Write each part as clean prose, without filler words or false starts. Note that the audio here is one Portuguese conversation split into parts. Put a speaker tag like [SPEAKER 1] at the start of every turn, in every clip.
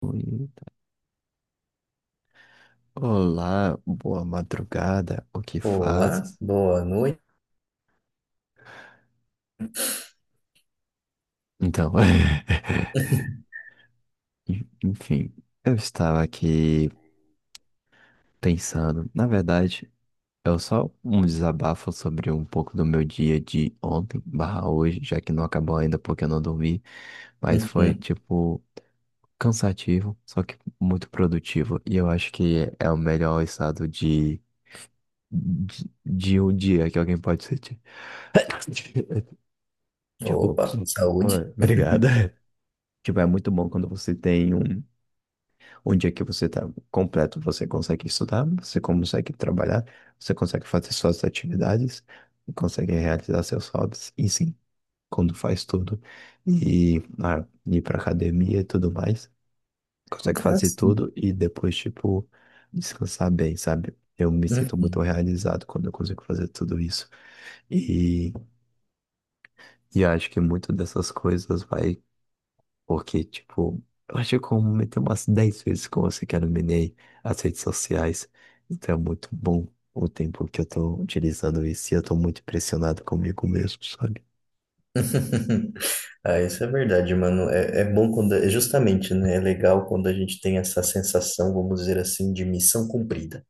[SPEAKER 1] Oi. Olá, boa madrugada, o que
[SPEAKER 2] Olá,
[SPEAKER 1] fazes?
[SPEAKER 2] boa noite.
[SPEAKER 1] Então, enfim, eu estava aqui pensando, na verdade, é só um desabafo sobre um pouco do meu dia de ontem barra hoje, já que não acabou ainda porque eu não dormi, mas foi,
[SPEAKER 2] Uhum.
[SPEAKER 1] tipo, cansativo, só que muito produtivo, e eu acho que é o melhor estado de, de um dia que alguém pode sentir. Tipo,
[SPEAKER 2] Opa, saúde.
[SPEAKER 1] ué, obrigado. Tipo, é muito bom quando você tem um, um dia que você tá completo, você consegue estudar, você consegue trabalhar, você consegue fazer suas atividades, consegue realizar seus hobbies, e sim, quando faz tudo, e ah, ir pra academia e tudo mais, consegue
[SPEAKER 2] Ah,
[SPEAKER 1] fazer
[SPEAKER 2] sim.
[SPEAKER 1] tudo e depois, tipo, descansar bem, sabe? Eu me sinto muito
[SPEAKER 2] Uhum.
[SPEAKER 1] realizado quando eu consigo fazer tudo isso. E, e acho que muito dessas coisas vai. Porque, tipo, eu acho que eu comentei umas 10 vezes com você que eu eliminei as redes sociais. Então é muito bom o tempo que eu tô utilizando isso e eu tô muito impressionado comigo mesmo, sabe?
[SPEAKER 2] Ah, isso é verdade, mano. É, é bom quando, é justamente, né? É legal quando a gente tem essa sensação, vamos dizer assim, de missão cumprida.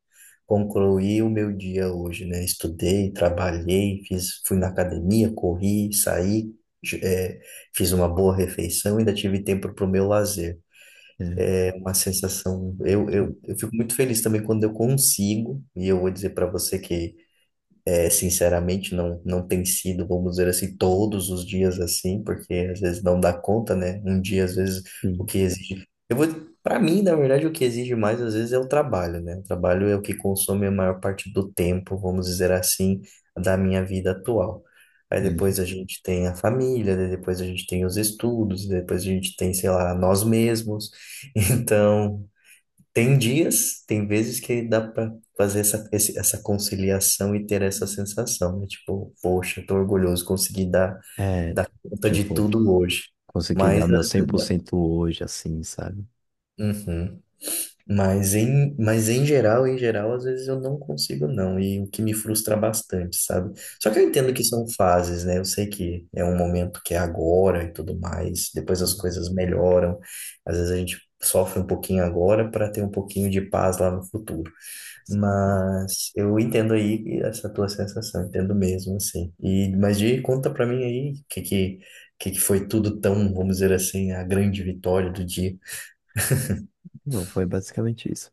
[SPEAKER 2] Concluí o meu dia hoje, né? Estudei, trabalhei, fiz, fui na academia, corri, saí, j- é, fiz uma boa refeição, ainda tive tempo para o meu lazer.
[SPEAKER 1] É,
[SPEAKER 2] É uma sensação. Eu fico muito feliz também quando eu consigo, e eu vou dizer para você que, é, sinceramente, não, não tem sido, vamos dizer assim, todos os dias assim, porque às vezes não dá conta, né? Um dia, às vezes, o
[SPEAKER 1] hum,
[SPEAKER 2] que exige. Eu vou. Para mim, na verdade, o que exige mais, às vezes, é o trabalho, né? O trabalho é o que consome a maior parte do tempo, vamos dizer assim, da minha vida atual. Aí
[SPEAKER 1] hum.
[SPEAKER 2] depois a gente tem a família, daí depois a gente tem os estudos, depois a gente tem, sei lá, nós mesmos. Então. Tem dias, tem vezes que dá para fazer essa, essa conciliação e ter essa sensação, né? Tipo, poxa, tô orgulhoso, consegui dar,
[SPEAKER 1] É,
[SPEAKER 2] dar conta de
[SPEAKER 1] tipo,
[SPEAKER 2] tudo hoje.
[SPEAKER 1] consegui dar
[SPEAKER 2] Mas,
[SPEAKER 1] meu
[SPEAKER 2] às-
[SPEAKER 1] 100% hoje, assim, sabe?
[SPEAKER 2] uhum. Mas em geral, em geral, às vezes eu não consigo não, e o que me frustra bastante, sabe? Só que eu entendo que são fases, né? Eu sei que é um momento que é agora e tudo mais, depois as coisas melhoram. Às vezes a gente sofre um pouquinho agora para ter um pouquinho de paz lá no futuro. Mas eu entendo aí essa tua sensação, entendo mesmo, assim. E, mas de conta pra mim aí que que foi tudo tão, vamos dizer assim, a grande vitória do dia.
[SPEAKER 1] Não, foi basicamente isso.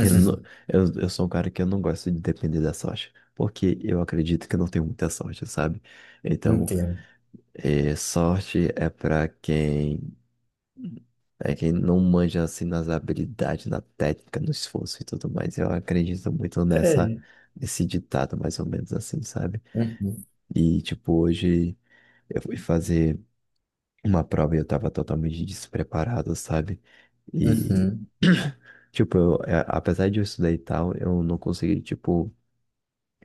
[SPEAKER 1] Eu, não, eu sou um cara que eu não gosto de depender da sorte, porque eu acredito que eu não tenho muita sorte, sabe? Então,
[SPEAKER 2] Entendo.
[SPEAKER 1] e sorte é para quem é quem não manja assim nas habilidades, na técnica, no esforço e tudo mais. Eu acredito muito nessa
[SPEAKER 2] É.
[SPEAKER 1] nesse ditado mais ou menos assim, sabe?
[SPEAKER 2] Uhum,
[SPEAKER 1] E tipo hoje eu fui fazer uma prova e eu tava totalmente despreparado, sabe? E
[SPEAKER 2] uhum,
[SPEAKER 1] tipo, eu, é, apesar de eu estudar e tal, eu não consegui tipo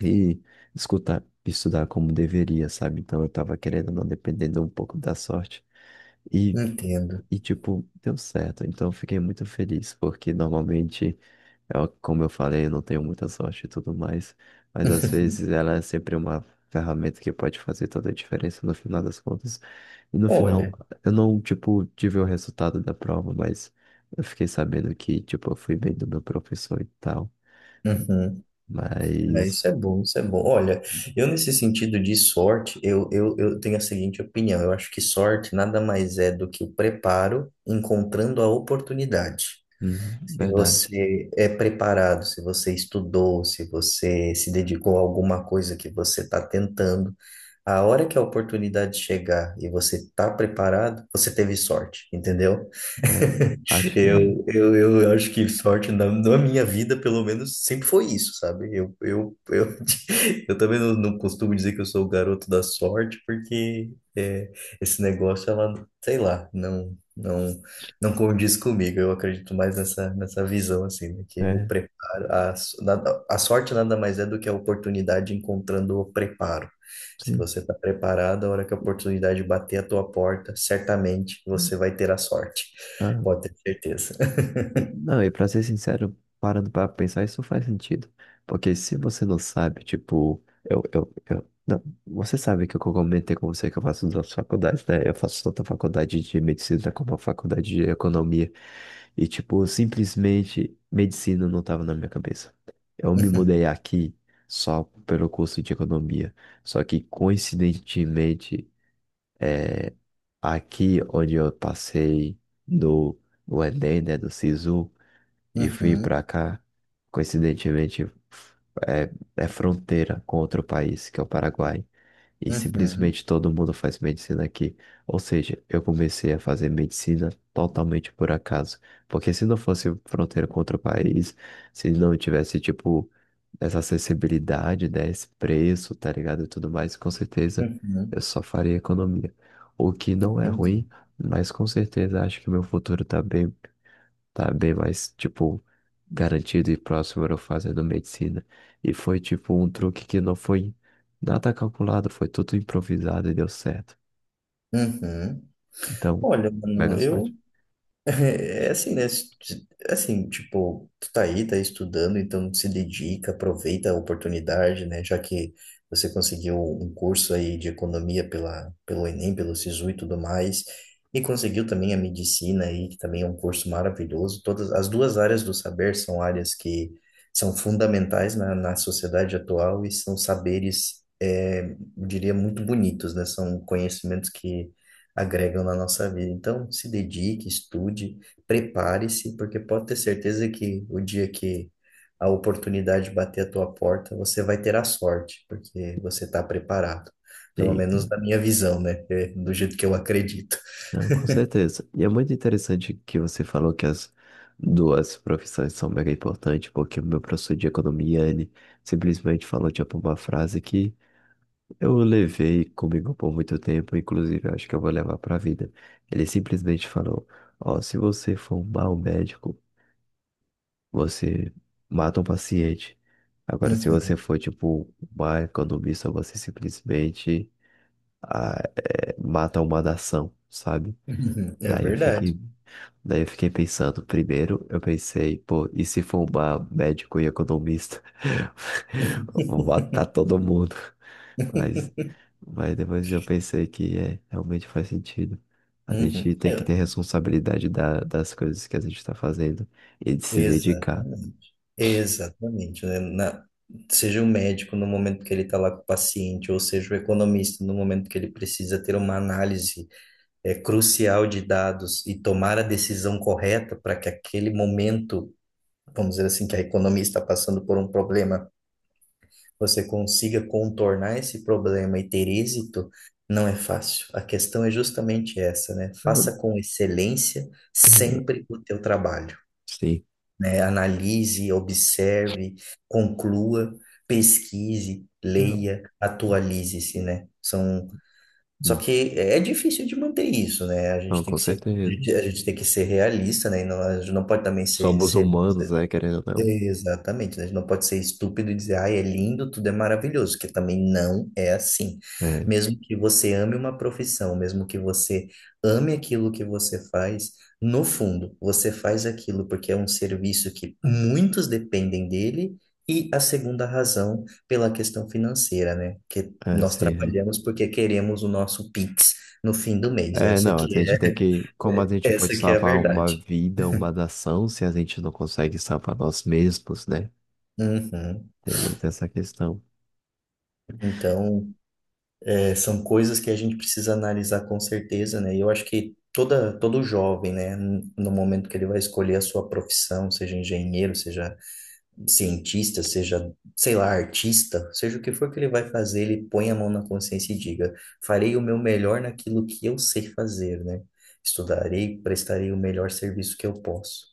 [SPEAKER 1] ir escutar estudar como deveria, sabe? Então eu tava querendo ou não dependendo um pouco da sorte. E
[SPEAKER 2] entendo.
[SPEAKER 1] e, tipo, deu certo. Então, eu fiquei muito feliz, porque normalmente, eu, como eu falei, eu não tenho muita sorte e tudo mais, mas às vezes ela é sempre uma ferramenta que pode fazer toda a diferença no final das contas. E no final,
[SPEAKER 2] Olha,
[SPEAKER 1] eu não, tipo, tive o resultado da prova, mas eu fiquei sabendo que, tipo, eu fui bem do meu professor e tal.
[SPEAKER 2] uhum, é,
[SPEAKER 1] Mas,
[SPEAKER 2] isso é bom, isso é bom. Olha, eu nesse sentido de sorte, eu tenho a seguinte opinião. Eu acho que sorte nada mais é do que o preparo encontrando a oportunidade.
[SPEAKER 1] uhum,
[SPEAKER 2] Se
[SPEAKER 1] verdade.
[SPEAKER 2] você é preparado, se você estudou, se você se dedicou a alguma coisa que você está tentando, a hora que a oportunidade chegar e você está preparado, você teve sorte, entendeu?
[SPEAKER 1] É, acho que é.
[SPEAKER 2] Eu acho que sorte na minha vida, pelo menos, sempre foi isso, sabe? Eu também não, não costumo dizer que eu sou o garoto da sorte, porque é, esse negócio, ela, sei lá, não, não, não condiz comigo. Eu acredito mais nessa visão, assim, né? Que o
[SPEAKER 1] É,
[SPEAKER 2] preparo, a sorte nada mais é do que a oportunidade encontrando o preparo. Se
[SPEAKER 1] sim.
[SPEAKER 2] você está preparado, a hora que a oportunidade bater a tua porta, certamente você vai ter a sorte.
[SPEAKER 1] Ah,
[SPEAKER 2] Pode ter certeza.
[SPEAKER 1] não, e pra ser sincero, parando pra pensar, isso faz sentido. Porque se você não sabe, tipo, eu, não, você sabe que eu comentei com você que eu faço duas faculdades, né? Eu faço tanto a faculdade de medicina como a faculdade de economia. E, tipo, simplesmente medicina não tava na minha cabeça. Eu me mudei aqui só pelo curso de economia. Só que, coincidentemente, aqui onde eu passei no, no Enem, né, do SISU, e vim
[SPEAKER 2] Uhum,
[SPEAKER 1] pra cá, coincidentemente, é, é fronteira com outro país, que é o Paraguai. E
[SPEAKER 2] uhum,
[SPEAKER 1] simplesmente todo mundo faz medicina aqui. Ou seja, eu comecei a fazer medicina totalmente por acaso. Porque se não fosse fronteira com outro país, se não tivesse, tipo, essa acessibilidade, né, esse preço, tá ligado? E tudo mais, com certeza
[SPEAKER 2] uhum, uhum.
[SPEAKER 1] eu só faria economia. O que não é
[SPEAKER 2] Entendi.
[SPEAKER 1] ruim, mas com certeza acho que meu futuro tá bem mais, tipo, garantido e próximo era eu fazendo medicina. E foi, tipo, um truque que não foi nada calculado, foi tudo improvisado e deu certo.
[SPEAKER 2] Uhum.
[SPEAKER 1] Então,
[SPEAKER 2] Olha, mano,
[SPEAKER 1] mega sorte.
[SPEAKER 2] eu é é assim, né? Assim, tipo, tu tá aí, tá estudando, então se dedica, aproveita a oportunidade, né? Já que você conseguiu um curso aí de economia pela, pelo Enem, pelo Sisu e tudo mais, e conseguiu também a medicina aí, que também é um curso maravilhoso. Todas as duas áreas do saber são áreas que são fundamentais na sociedade atual e são saberes, é, eu diria, muito bonitos, né? São conhecimentos que agregam na nossa vida. Então, se dedique, estude, prepare-se, porque pode ter certeza que o dia que a oportunidade bater a tua porta, você vai ter a sorte, porque você está preparado. Pelo
[SPEAKER 1] Sim,
[SPEAKER 2] menos na minha visão, né? É do jeito que eu acredito.
[SPEAKER 1] não, com certeza. E é muito interessante que você falou que as duas profissões são mega importantes, porque o meu professor de economia, ele simplesmente falou, tipo, uma frase que eu levei comigo por muito tempo, inclusive eu acho que eu vou levar pra vida. Ele simplesmente falou: Ó, se você for um mau médico, você mata um paciente. Agora, se você for, tipo, uma economista, você simplesmente ah, é, mata uma nação, sabe?
[SPEAKER 2] Uhum. Uhum. É
[SPEAKER 1] Daí eu
[SPEAKER 2] verdade.
[SPEAKER 1] fiquei, daí eu fiquei pensando. Primeiro, eu pensei, pô, e se for uma médico e economista? Vou matar todo mundo. Mas, mas depois eu pensei que é, realmente faz sentido. A gente
[SPEAKER 2] Uhum.
[SPEAKER 1] tem que
[SPEAKER 2] É,
[SPEAKER 1] ter responsabilidade da, das coisas que a gente está fazendo e de se dedicar.
[SPEAKER 2] exatamente. Exatamente, né? Seja o médico no momento que ele está lá com o paciente, ou seja o economista no momento que ele precisa ter uma análise é, crucial de dados e tomar a decisão correta para que aquele momento, vamos dizer assim, que a economia está passando por um problema, você consiga contornar esse problema e ter êxito, não é fácil. A questão é justamente essa, né?
[SPEAKER 1] Não,
[SPEAKER 2] Faça com excelência
[SPEAKER 1] não,
[SPEAKER 2] sempre o teu trabalho,
[SPEAKER 1] sim,
[SPEAKER 2] né? Analise, observe, conclua, pesquise,
[SPEAKER 1] não,
[SPEAKER 2] leia, atualize-se, né? São... Só
[SPEAKER 1] hum,
[SPEAKER 2] que é é difícil de manter isso, né? A gente
[SPEAKER 1] não,
[SPEAKER 2] tem
[SPEAKER 1] com
[SPEAKER 2] que ser, a
[SPEAKER 1] certeza.
[SPEAKER 2] gente, a gente tem que ser realista, né? E não, a gente não pode também ser,
[SPEAKER 1] Somos
[SPEAKER 2] ser
[SPEAKER 1] humanos, né, querendo ou não.
[SPEAKER 2] exatamente, né? A gente não pode ser estúpido e dizer, ai, é lindo, tudo é maravilhoso, que também não é assim.
[SPEAKER 1] É,
[SPEAKER 2] Mesmo que você ame uma profissão, mesmo que você ame aquilo que você faz, no fundo, você faz aquilo porque é um serviço que muitos dependem dele, e a segunda razão pela questão financeira, né? Que
[SPEAKER 1] é,
[SPEAKER 2] nós
[SPEAKER 1] sim. É,
[SPEAKER 2] trabalhamos porque queremos o nosso Pix no fim do mês.
[SPEAKER 1] é,
[SPEAKER 2] Essa
[SPEAKER 1] não, a
[SPEAKER 2] que
[SPEAKER 1] gente
[SPEAKER 2] é,
[SPEAKER 1] tem que. Como a gente pode
[SPEAKER 2] essa que é a
[SPEAKER 1] salvar uma
[SPEAKER 2] verdade.
[SPEAKER 1] vida, uma nação, se a gente não consegue salvar nós mesmos, né?
[SPEAKER 2] Uhum.
[SPEAKER 1] Tem muito essa questão.
[SPEAKER 2] Então, é, são coisas que a gente precisa analisar com certeza, né? E eu acho que toda, todo jovem, né, no momento que ele vai escolher a sua profissão, seja engenheiro, seja cientista, seja, sei lá, artista, seja o que for que ele vai fazer, ele põe a mão na consciência e diga: farei o meu melhor naquilo que eu sei fazer, né? Estudarei, prestarei o melhor serviço que eu posso.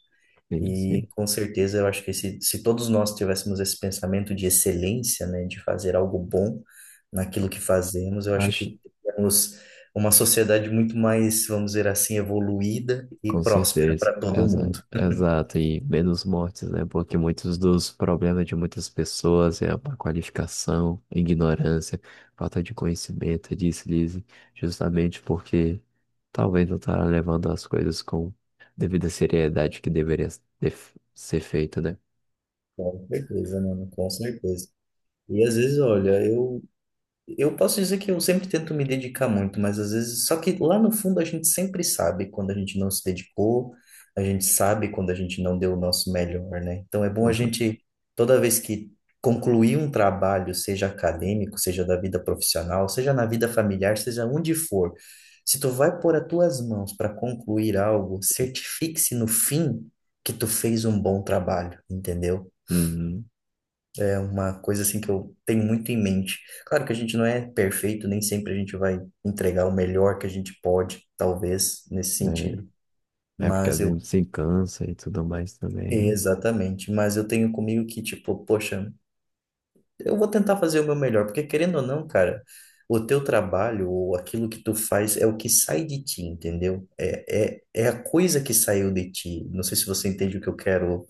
[SPEAKER 1] Sim,
[SPEAKER 2] E
[SPEAKER 1] sim.
[SPEAKER 2] com certeza eu acho que se todos nós tivéssemos esse pensamento de excelência, né, de fazer algo bom naquilo que fazemos, eu acho
[SPEAKER 1] Acho.
[SPEAKER 2] que teríamos uma sociedade muito mais, vamos dizer assim, evoluída e
[SPEAKER 1] Com
[SPEAKER 2] próspera
[SPEAKER 1] certeza,
[SPEAKER 2] para todo
[SPEAKER 1] exato,
[SPEAKER 2] mundo.
[SPEAKER 1] exato, e menos mortes, né? Porque muitos dos problemas de muitas pessoas é a má qualificação, ignorância, falta de conhecimento, é deslize, justamente porque talvez não está levando as coisas com devida seriedade que deveria ter- ser feita, né?
[SPEAKER 2] Com certeza, mano, com certeza. E às vezes, olha, eu posso dizer que eu sempre tento me dedicar muito, mas às vezes, só que lá no fundo a gente sempre sabe quando a gente não se dedicou, a gente sabe quando a gente não deu o nosso melhor, né? Então é bom a
[SPEAKER 1] Uhum.
[SPEAKER 2] gente, toda vez que concluir um trabalho, seja acadêmico, seja da vida profissional, seja na vida familiar, seja onde for, se tu vai pôr as tuas mãos para concluir algo, certifique-se no fim que tu fez um bom trabalho, entendeu?
[SPEAKER 1] Uhum.
[SPEAKER 2] É uma coisa assim que eu tenho muito em mente. Claro que a gente não é perfeito, nem sempre a gente vai entregar o melhor que a gente pode, talvez, nesse sentido.
[SPEAKER 1] É, é porque a
[SPEAKER 2] Mas eu.
[SPEAKER 1] gente se cansa e tudo mais também, né?
[SPEAKER 2] Exatamente. Mas eu tenho comigo que, tipo, poxa, eu vou tentar fazer o meu melhor, porque querendo ou não, cara, o teu trabalho ou aquilo que tu faz é o que sai de ti, entendeu? É a coisa que saiu de ti. Não sei se você entende o que eu quero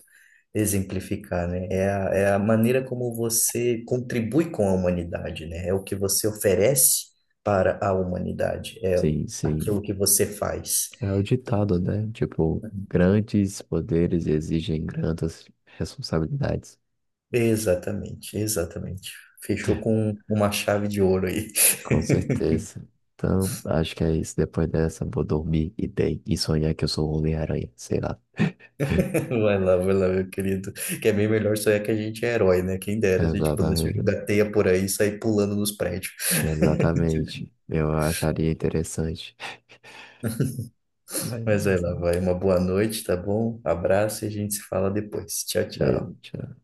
[SPEAKER 2] exemplificar, né? É a maneira como você contribui com a humanidade, né? É o que você oferece para a humanidade, é
[SPEAKER 1] Sim, sim.
[SPEAKER 2] aquilo que você faz.
[SPEAKER 1] É o
[SPEAKER 2] Então,
[SPEAKER 1] ditado, né? Tipo, grandes poderes exigem grandes responsabilidades.
[SPEAKER 2] exatamente, exatamente. Fechou com uma chave de ouro aí.
[SPEAKER 1] Com certeza. Então, acho que é isso. Depois dessa, vou dormir e dei. E sonhar que eu sou o Homem-Aranha, sei lá.
[SPEAKER 2] Vai lá, meu querido. Que é bem melhor só é que a gente é herói, né? Quem dera se a gente pudesse
[SPEAKER 1] Exatamente.
[SPEAKER 2] jogar teia por aí e sair pulando nos prédios.
[SPEAKER 1] Exatamente. Eu acharia interessante.
[SPEAKER 2] Mas vai
[SPEAKER 1] Mas,
[SPEAKER 2] lá, vai. Uma boa noite, tá bom? Abraço e a gente se fala depois. Tchau,
[SPEAKER 1] é,
[SPEAKER 2] tchau.
[SPEAKER 1] tchau.